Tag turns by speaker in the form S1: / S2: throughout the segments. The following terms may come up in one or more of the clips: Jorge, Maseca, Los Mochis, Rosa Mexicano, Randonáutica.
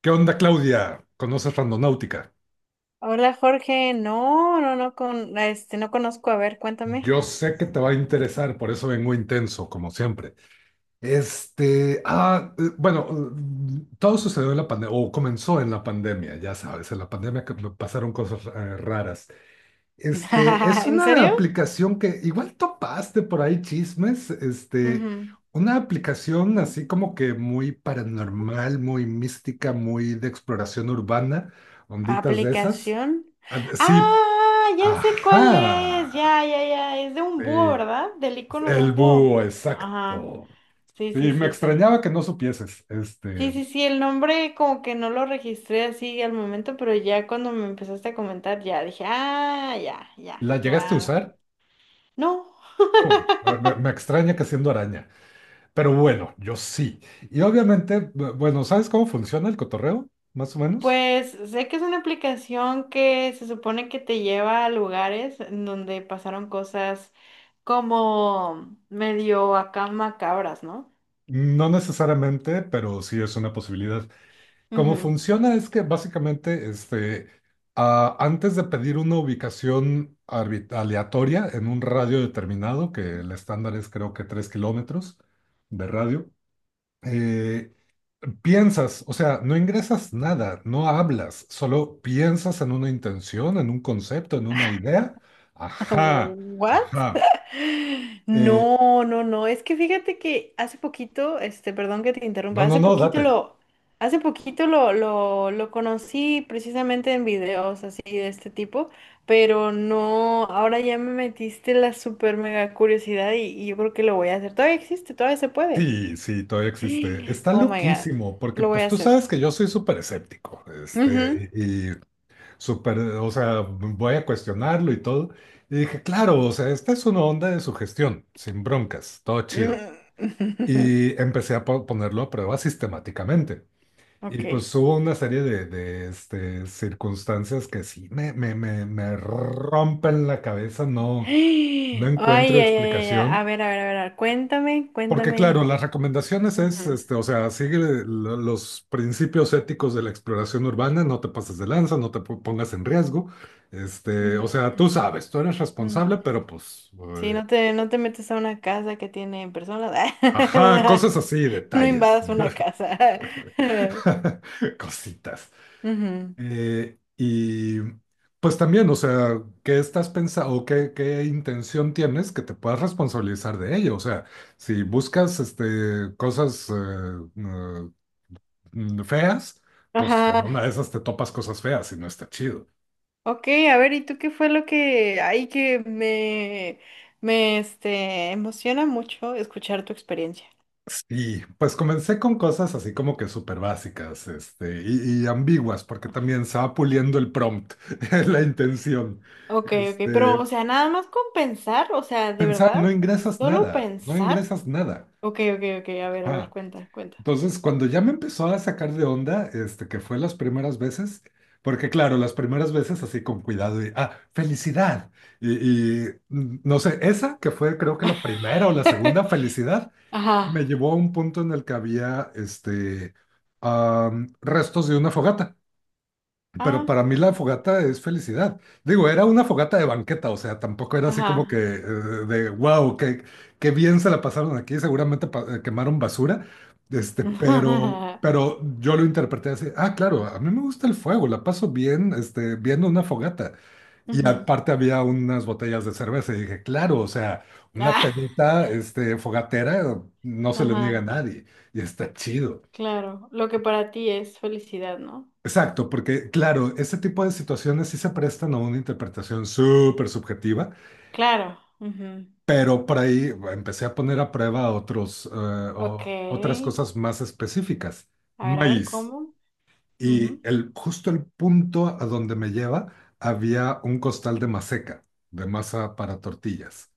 S1: ¿Qué onda, Claudia? ¿Conoces Randonáutica?
S2: Hola Jorge, no, no, no, no conozco, a ver, cuéntame.
S1: Yo sé que te va a interesar, por eso vengo intenso, como siempre. Bueno, todo sucedió en la pandemia, o comenzó en la pandemia, ya sabes, en la pandemia que me pasaron cosas raras. Es
S2: ¿En
S1: una
S2: serio?
S1: aplicación que igual topaste por ahí chismes,
S2: Ujú.
S1: una aplicación así como que muy paranormal, muy mística, muy de exploración urbana, onditas de esas.
S2: ¿Aplicación?
S1: Ah, sí.
S2: Ah, ya sé cuál es,
S1: Ajá.
S2: ya, ya, ya, es de un búho,
S1: Sí,
S2: ¿verdad? Del icono de
S1: el
S2: un búho.
S1: búho,
S2: Ajá,
S1: exacto.
S2: sí, sí,
S1: Sí, me
S2: sí, sí.
S1: extrañaba que no supieses.
S2: Sí, sí, sí, el nombre como que no lo registré así al momento, pero ya cuando me empezaste a comentar, ya dije, ah, ya, ya,
S1: ¿La llegaste a
S2: claro.
S1: usar?
S2: No.
S1: Oh, me extraña que siendo araña. Pero bueno, yo sí. Y obviamente, bueno, ¿sabes cómo funciona el cotorreo? Más o menos.
S2: Pues sé que es una aplicación que se supone que te lleva a lugares en donde pasaron cosas como medio acá macabras, ¿no?
S1: No necesariamente, pero sí es una posibilidad. Cómo
S2: Ujú.
S1: funciona es que básicamente antes de pedir una ubicación aleatoria en un radio determinado, que el estándar es creo que 3 kilómetros de radio. eh, Piensas, o sea, no ingresas nada, no hablas, solo piensas en una intención, en un concepto, en una idea. Ajá,
S2: ¿What?
S1: ajá. Eh,
S2: No, no, no, es que fíjate que hace poquito, perdón que te interrumpa,
S1: no, no, no, date.
S2: hace poquito lo conocí precisamente en videos así de este tipo, pero no, ahora ya me metiste la super mega curiosidad y yo creo que lo voy a hacer. Todavía existe, todavía se puede.
S1: Sí, sí, todavía existe. Está
S2: Oh my God,
S1: loquísimo, porque
S2: lo voy a
S1: pues tú
S2: hacer.
S1: sabes que yo soy súper escéptico,
S2: Ujú.
S1: y súper, o sea, voy a cuestionarlo y todo. Y dije, claro, o sea, esta es una onda de sugestión, sin broncas, todo chido.
S2: Mm.
S1: Y empecé a ponerlo a prueba sistemáticamente. Y
S2: Ok.
S1: pues hubo una serie de circunstancias que sí me rompen la cabeza. No, no
S2: Ay,
S1: encuentro
S2: ay, ay, ay, ay, a
S1: explicación.
S2: ver, a ver, a ver, a ver, cuéntame,
S1: Porque claro,
S2: cuéntame.
S1: las recomendaciones es,
S2: Ujú,
S1: o sea, sigue los principios éticos de la exploración urbana, no te pases de lanza, no te pongas en riesgo, o sea,
S2: ujú.
S1: tú sabes, tú eres
S2: Mm.
S1: responsable, pero pues,
S2: Sí,
S1: eh,
S2: no te metes a una casa que tiene personas.
S1: ajá, cosas así,
S2: No
S1: detalles,
S2: invadas una casa.
S1: cositas.
S2: Ujú.
S1: Y pues también, o sea, ¿qué estás pensando o qué intención tienes que te puedas responsabilizar de ello? O sea, si buscas, cosas eh, feas, pues en
S2: Ajá.
S1: una de esas te topas cosas feas y no está chido.
S2: Ok, a ver, ¿y tú qué fue lo que hay que me emociona mucho escuchar tu experiencia?
S1: Y pues comencé con cosas así como que súper básicas, y ambiguas, porque también se va puliendo el prompt, la intención.
S2: Ok, ok, pero,
S1: Este,
S2: o sea, nada más con pensar, o sea, de
S1: Pensar,
S2: verdad,
S1: no ingresas
S2: solo
S1: nada, no
S2: pensar.
S1: ingresas nada.
S2: Ok, ok, ok, a ver,
S1: Ajá.
S2: cuenta, cuenta.
S1: Entonces, cuando ya me empezó a sacar de onda, que fue las primeras veces, porque claro, las primeras veces así con cuidado y, felicidad. No sé, esa que fue creo que la primera o la segunda felicidad, me
S2: Ajá.
S1: llevó a un punto en el que había, restos de una fogata. Pero
S2: Ah,
S1: para mí la fogata es felicidad. Digo, era una fogata de banqueta, o sea, tampoco era así
S2: ajá.
S1: como que de wow, qué bien se la pasaron aquí, seguramente quemaron basura, pero, pero yo lo interpreté así, ah, claro, a mí me gusta el fuego, la paso bien, viendo una fogata. Y
S2: Ujú.
S1: aparte había unas botellas de cerveza y dije, claro, o sea, una pedita, fogatera, no se le niega a
S2: Ajá,
S1: nadie y está chido.
S2: claro. Lo que para ti es felicidad, ¿no?
S1: Exacto, porque claro, ese tipo de situaciones sí se prestan a una interpretación súper subjetiva,
S2: Claro. Ujú.
S1: pero por ahí empecé a poner a prueba otros, otras
S2: Ok.
S1: cosas más específicas.
S2: A ver,
S1: Maíz.
S2: ¿cómo?
S1: Y
S2: Ujú.
S1: justo el punto a donde me lleva había un costal de maseca, de masa para tortillas.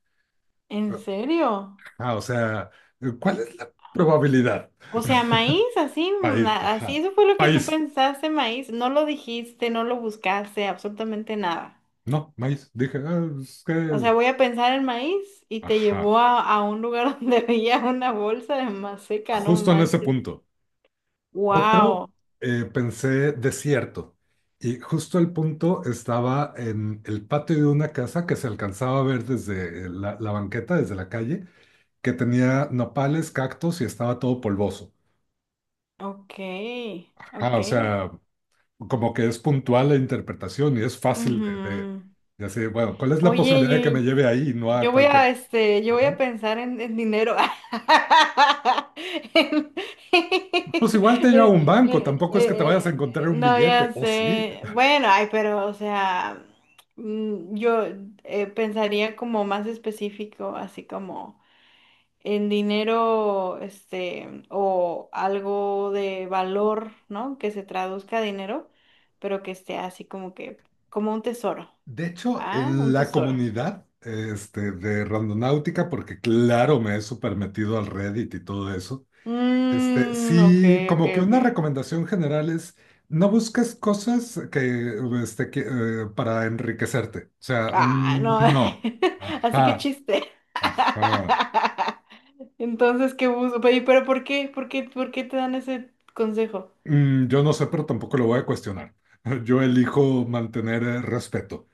S2: ¿En serio?
S1: Ah, o sea, ¿cuál es la probabilidad?
S2: O sea, maíz, así,
S1: Maíz,
S2: así,
S1: ajá.
S2: eso fue lo que tú
S1: Maíz.
S2: pensaste, maíz. No lo dijiste, no lo buscaste, absolutamente nada.
S1: No, maíz. Dije, ah, es
S2: O
S1: que.
S2: sea, voy a pensar en maíz y te
S1: Ajá.
S2: llevó a un lugar donde había una bolsa de maseca, no
S1: Justo en ese
S2: manches.
S1: punto. Otro,
S2: Wow.
S1: pensé desierto. Y justo el punto estaba en el patio de una casa que se alcanzaba a ver desde la banqueta, desde la calle, que tenía nopales, cactus y estaba todo polvoso.
S2: Ok,
S1: Ajá,
S2: ok.
S1: o sea, como que es puntual la interpretación y es fácil de
S2: Ujú.
S1: decir, bueno, ¿cuál es la
S2: Oye,
S1: posibilidad de que me lleve ahí y no a cualquier?
S2: yo voy a
S1: Ajá.
S2: pensar en dinero. En-
S1: Pues igual te lleva a
S2: en-
S1: un banco,
S2: en-
S1: tampoco es que te
S2: en-
S1: vayas a encontrar
S2: en-
S1: un
S2: no,
S1: billete,
S2: ya
S1: o sí.
S2: sé. Bueno, ay, pero, o sea, yo pensaría como más específico, así como en dinero, o algo de valor, ¿no? Que se traduzca a dinero, pero que esté así como que, como un tesoro.
S1: De hecho,
S2: Ah,
S1: en
S2: un
S1: la
S2: tesoro.
S1: comunidad de Randonáutica, porque claro, me he super metido al Reddit y todo eso,
S2: Mm, ok,
S1: sí,
S2: ok,
S1: como que una
S2: ok.
S1: recomendación general es no busques cosas que, para enriquecerte. O sea,
S2: Ah, no.
S1: no.
S2: Así que
S1: Ajá,
S2: chiste.
S1: ajá.
S2: Entonces, ¿qué busco? Pero ¿por qué? ¿Por qué? ¿Por qué te dan ese consejo?
S1: Yo no sé, pero tampoco lo voy a cuestionar. Yo elijo mantener respeto.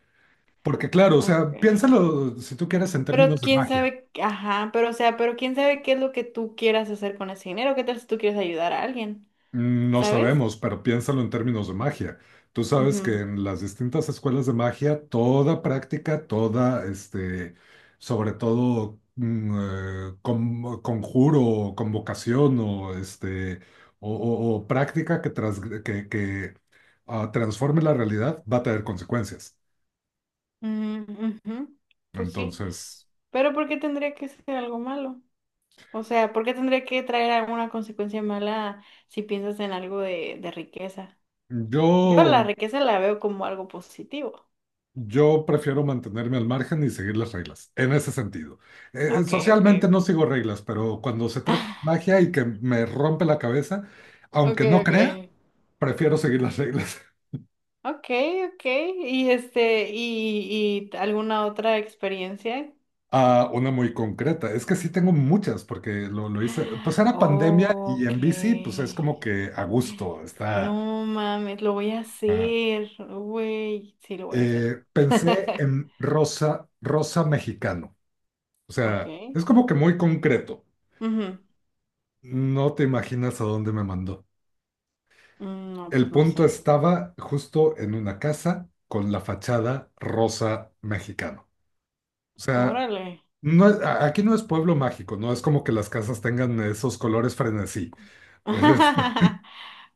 S1: Porque claro, o sea,
S2: Okay.
S1: piénsalo si tú quieres en
S2: Pero
S1: términos de
S2: quién
S1: magia.
S2: sabe, ajá, pero o sea, pero quién sabe qué es lo que tú quieras hacer con ese dinero, qué tal si tú quieres ayudar a alguien,
S1: No
S2: ¿sabes?
S1: sabemos, pero piénsalo en términos de magia. Tú sabes que
S2: Ujú,
S1: en las distintas escuelas de magia, toda práctica, toda, sobre todo, conjuro, o convocación o, este, o práctica que transforme la realidad va a tener consecuencias.
S2: ujú, ujú. Pues sí,
S1: Entonces,
S2: pero ¿por qué tendría que ser algo malo? O sea, ¿por qué tendría que traer alguna consecuencia mala si piensas en algo de riqueza? Yo
S1: yo
S2: la riqueza la veo como algo positivo.
S1: Yo prefiero mantenerme al margen y seguir las reglas, en ese sentido.
S2: Ok, ok,
S1: Socialmente
S2: ok.
S1: no sigo reglas, pero cuando se trata de magia y que me rompe la cabeza,
S2: Ok,
S1: aunque no crea,
S2: ok.
S1: prefiero seguir las reglas.
S2: Ok, ok. Y alguna otra experiencia.
S1: Ah, una muy concreta. Es que sí tengo muchas, porque lo hice. Pues era pandemia y en bici, pues
S2: Ok.
S1: es como que a gusto, está.
S2: No mames, lo voy a
S1: ah.
S2: hacer. Güey, sí lo voy a hacer.
S1: Pensé en rosa, rosa mexicano. O
S2: Ok.
S1: sea, es como que muy concreto.
S2: Ujú.
S1: No te imaginas a dónde me mandó.
S2: Mm, no,
S1: El
S2: pues no
S1: punto
S2: sé.
S1: estaba justo en una casa con la fachada rosa mexicano. O sea,
S2: Órale.
S1: aquí no es pueblo mágico, no es como que las casas tengan esos colores frenesí. Este,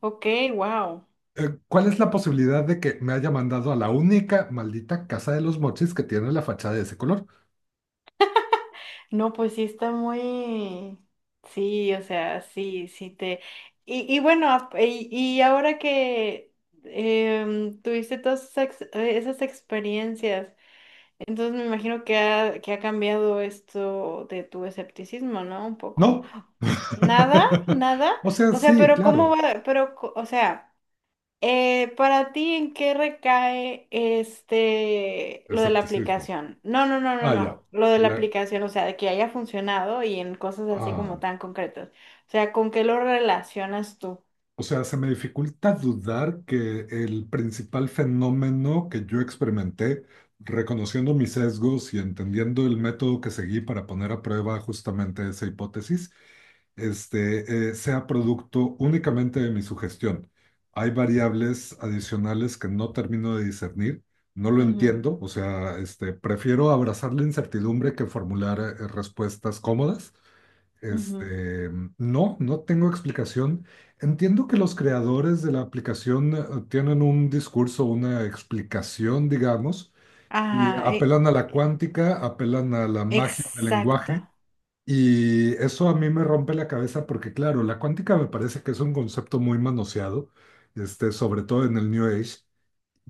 S2: Ok, wow.
S1: ¿Cuál es la posibilidad de que me haya mandado a la única maldita casa de los mochis que tiene la fachada de ese color?
S2: No, pues sí está muy, sí, o sea, sí, sí te. Y bueno, y ahora que tuviste todas esas experiencias, entonces me imagino que que ha cambiado esto de tu escepticismo, ¿no? Un poco.
S1: No.
S2: Nada, nada.
S1: O sea,
S2: O sea,
S1: sí,
S2: pero ¿cómo
S1: claro.
S2: va? Pero, o sea. Para ti, ¿en qué recae lo de la
S1: Escepticismo.
S2: aplicación? No, no, no, no,
S1: Ah, ya.
S2: no. Lo de la
S1: Le-
S2: aplicación, o sea, de que haya funcionado y en cosas así como
S1: ah.
S2: tan concretas. O sea, ¿con qué lo relacionas tú?
S1: O sea, se me dificulta dudar que el principal fenómeno que yo experimenté, reconociendo mis sesgos y entendiendo el método que seguí para poner a prueba justamente esa hipótesis, sea producto únicamente de mi sugestión. Hay variables adicionales que no termino de discernir, no lo
S2: Ujú,
S1: entiendo, o sea, prefiero abrazar la incertidumbre que formular respuestas cómodas.
S2: ujú.
S1: Este, no, no tengo explicación. Entiendo que los creadores de la aplicación tienen un discurso, una explicación, digamos, y
S2: Ajá,
S1: apelan a la cuántica, apelan a la magia del lenguaje,
S2: exacto.
S1: y eso a mí me rompe la cabeza porque, claro, la cuántica me parece que es un concepto muy manoseado, sobre todo en el New Age,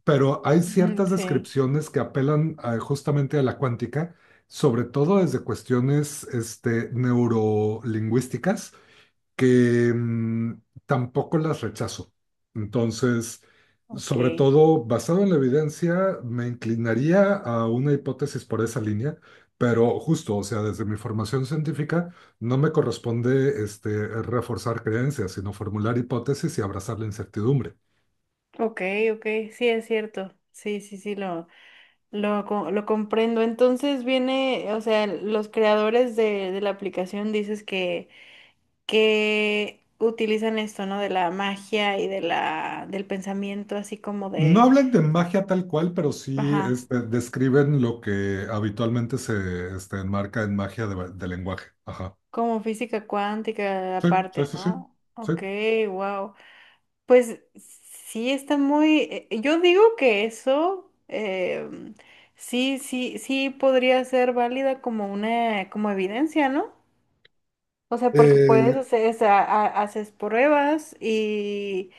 S1: pero hay
S2: Mm,
S1: ciertas
S2: sí,
S1: descripciones que apelan justamente a la cuántica, sobre todo desde cuestiones neurolingüísticas, que tampoco las rechazo. Entonces,
S2: ok.
S1: sobre todo basado en la evidencia, me inclinaría a una hipótesis por esa línea. Pero justo, o sea, desde mi formación científica no me corresponde reforzar creencias, sino formular hipótesis y abrazar la incertidumbre.
S2: Ok, ok, sí es cierto. Sí, sí, sí, lo comprendo. Entonces viene, o sea, los creadores de la aplicación dices que utilizan esto, ¿no? De la magia y del pensamiento, así como
S1: No hablan de magia tal cual, pero sí
S2: ajá,
S1: describen lo que habitualmente se enmarca en magia de lenguaje. Ajá.
S2: como física cuántica
S1: Sí, sí,
S2: aparte,
S1: sí, sí,
S2: ¿no?
S1: sí.
S2: Ok, wow. Pues sí está muy, yo digo que eso, sí, sí, sí podría ser válida como como evidencia, ¿no? O sea, porque puedes
S1: Eh,
S2: hacer, o sea, haces pruebas y,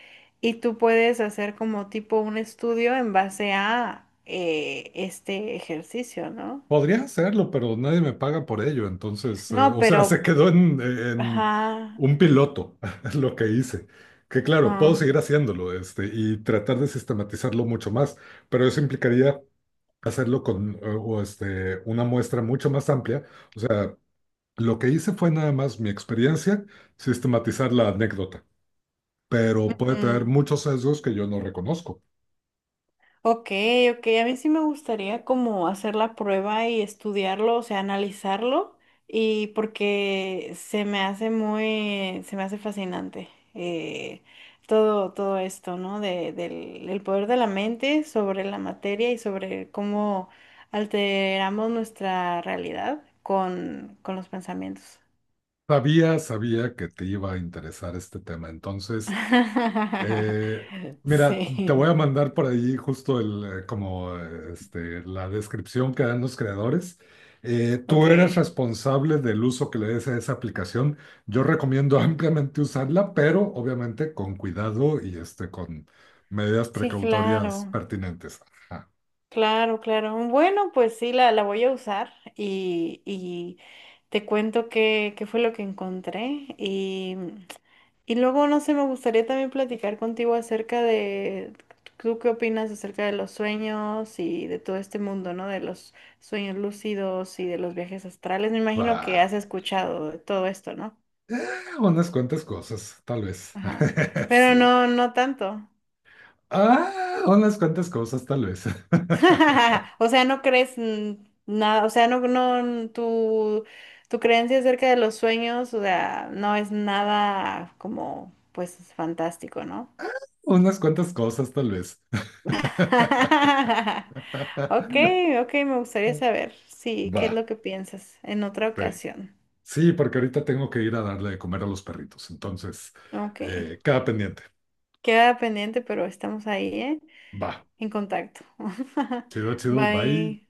S2: y tú puedes hacer como tipo un estudio en base a este ejercicio, ¿no?
S1: Podría hacerlo, pero nadie me paga por ello. Entonces,
S2: No,
S1: o sea, se
S2: pero,
S1: quedó en
S2: ajá,
S1: un piloto lo que hice. Que claro, puedo seguir
S2: ah,
S1: haciéndolo y tratar de sistematizarlo mucho más, pero eso implicaría hacerlo con una muestra mucho más amplia. O sea. Lo que hice fue nada más mi experiencia, sistematizar la anécdota, pero puede tener
S2: mm.
S1: muchos sesgos que yo no reconozco.
S2: Ok, ok, a mí sí me gustaría como hacer la prueba y estudiarlo, o sea, analizarlo, y porque se me hace fascinante todo esto, ¿no? El poder de la mente sobre la materia y sobre cómo alteramos nuestra realidad con los pensamientos.
S1: Sabía, sabía que te iba a interesar este tema. Entonces, eh, mira, te
S2: Sí,
S1: voy a mandar por ahí justo la descripción que dan los creadores. Tú
S2: ok,
S1: eres responsable del uso que le des a esa aplicación. Yo recomiendo ampliamente usarla, pero obviamente con cuidado y con medidas
S2: sí,
S1: precautorias
S2: claro.
S1: pertinentes. Ajá.
S2: Claro, claro. Bueno, pues sí, la voy a usar y te cuento qué fue lo que encontré. Y luego, no sé, me gustaría también platicar contigo acerca de, ¿tú qué opinas acerca de los sueños y de todo este mundo, ¿no? De los sueños lúcidos y de los viajes astrales. Me imagino que
S1: Va,
S2: has escuchado de todo esto, ¿no?
S1: unas cuantas cosas, tal vez.
S2: Ajá. Pero
S1: Sí.
S2: no, no tanto.
S1: Ah, unas cuantas cosas, tal vez.
S2: O sea, no crees nada, o sea, no, no, mm, tu creencia acerca de los sueños, o sea, no es nada como, pues, fantástico, ¿no?
S1: Unas cuantas cosas, tal vez.
S2: Ok, ok, me gustaría saber, sí, qué es
S1: Va,
S2: lo que piensas en otra
S1: sí.
S2: ocasión.
S1: Sí, porque ahorita tengo que ir a darle de comer a los perritos. Entonces,
S2: Ok,
S1: queda pendiente.
S2: queda pendiente, pero estamos ahí, ¿eh?
S1: Va.
S2: En contacto.
S1: Chido, chido. Bye.
S2: Bye.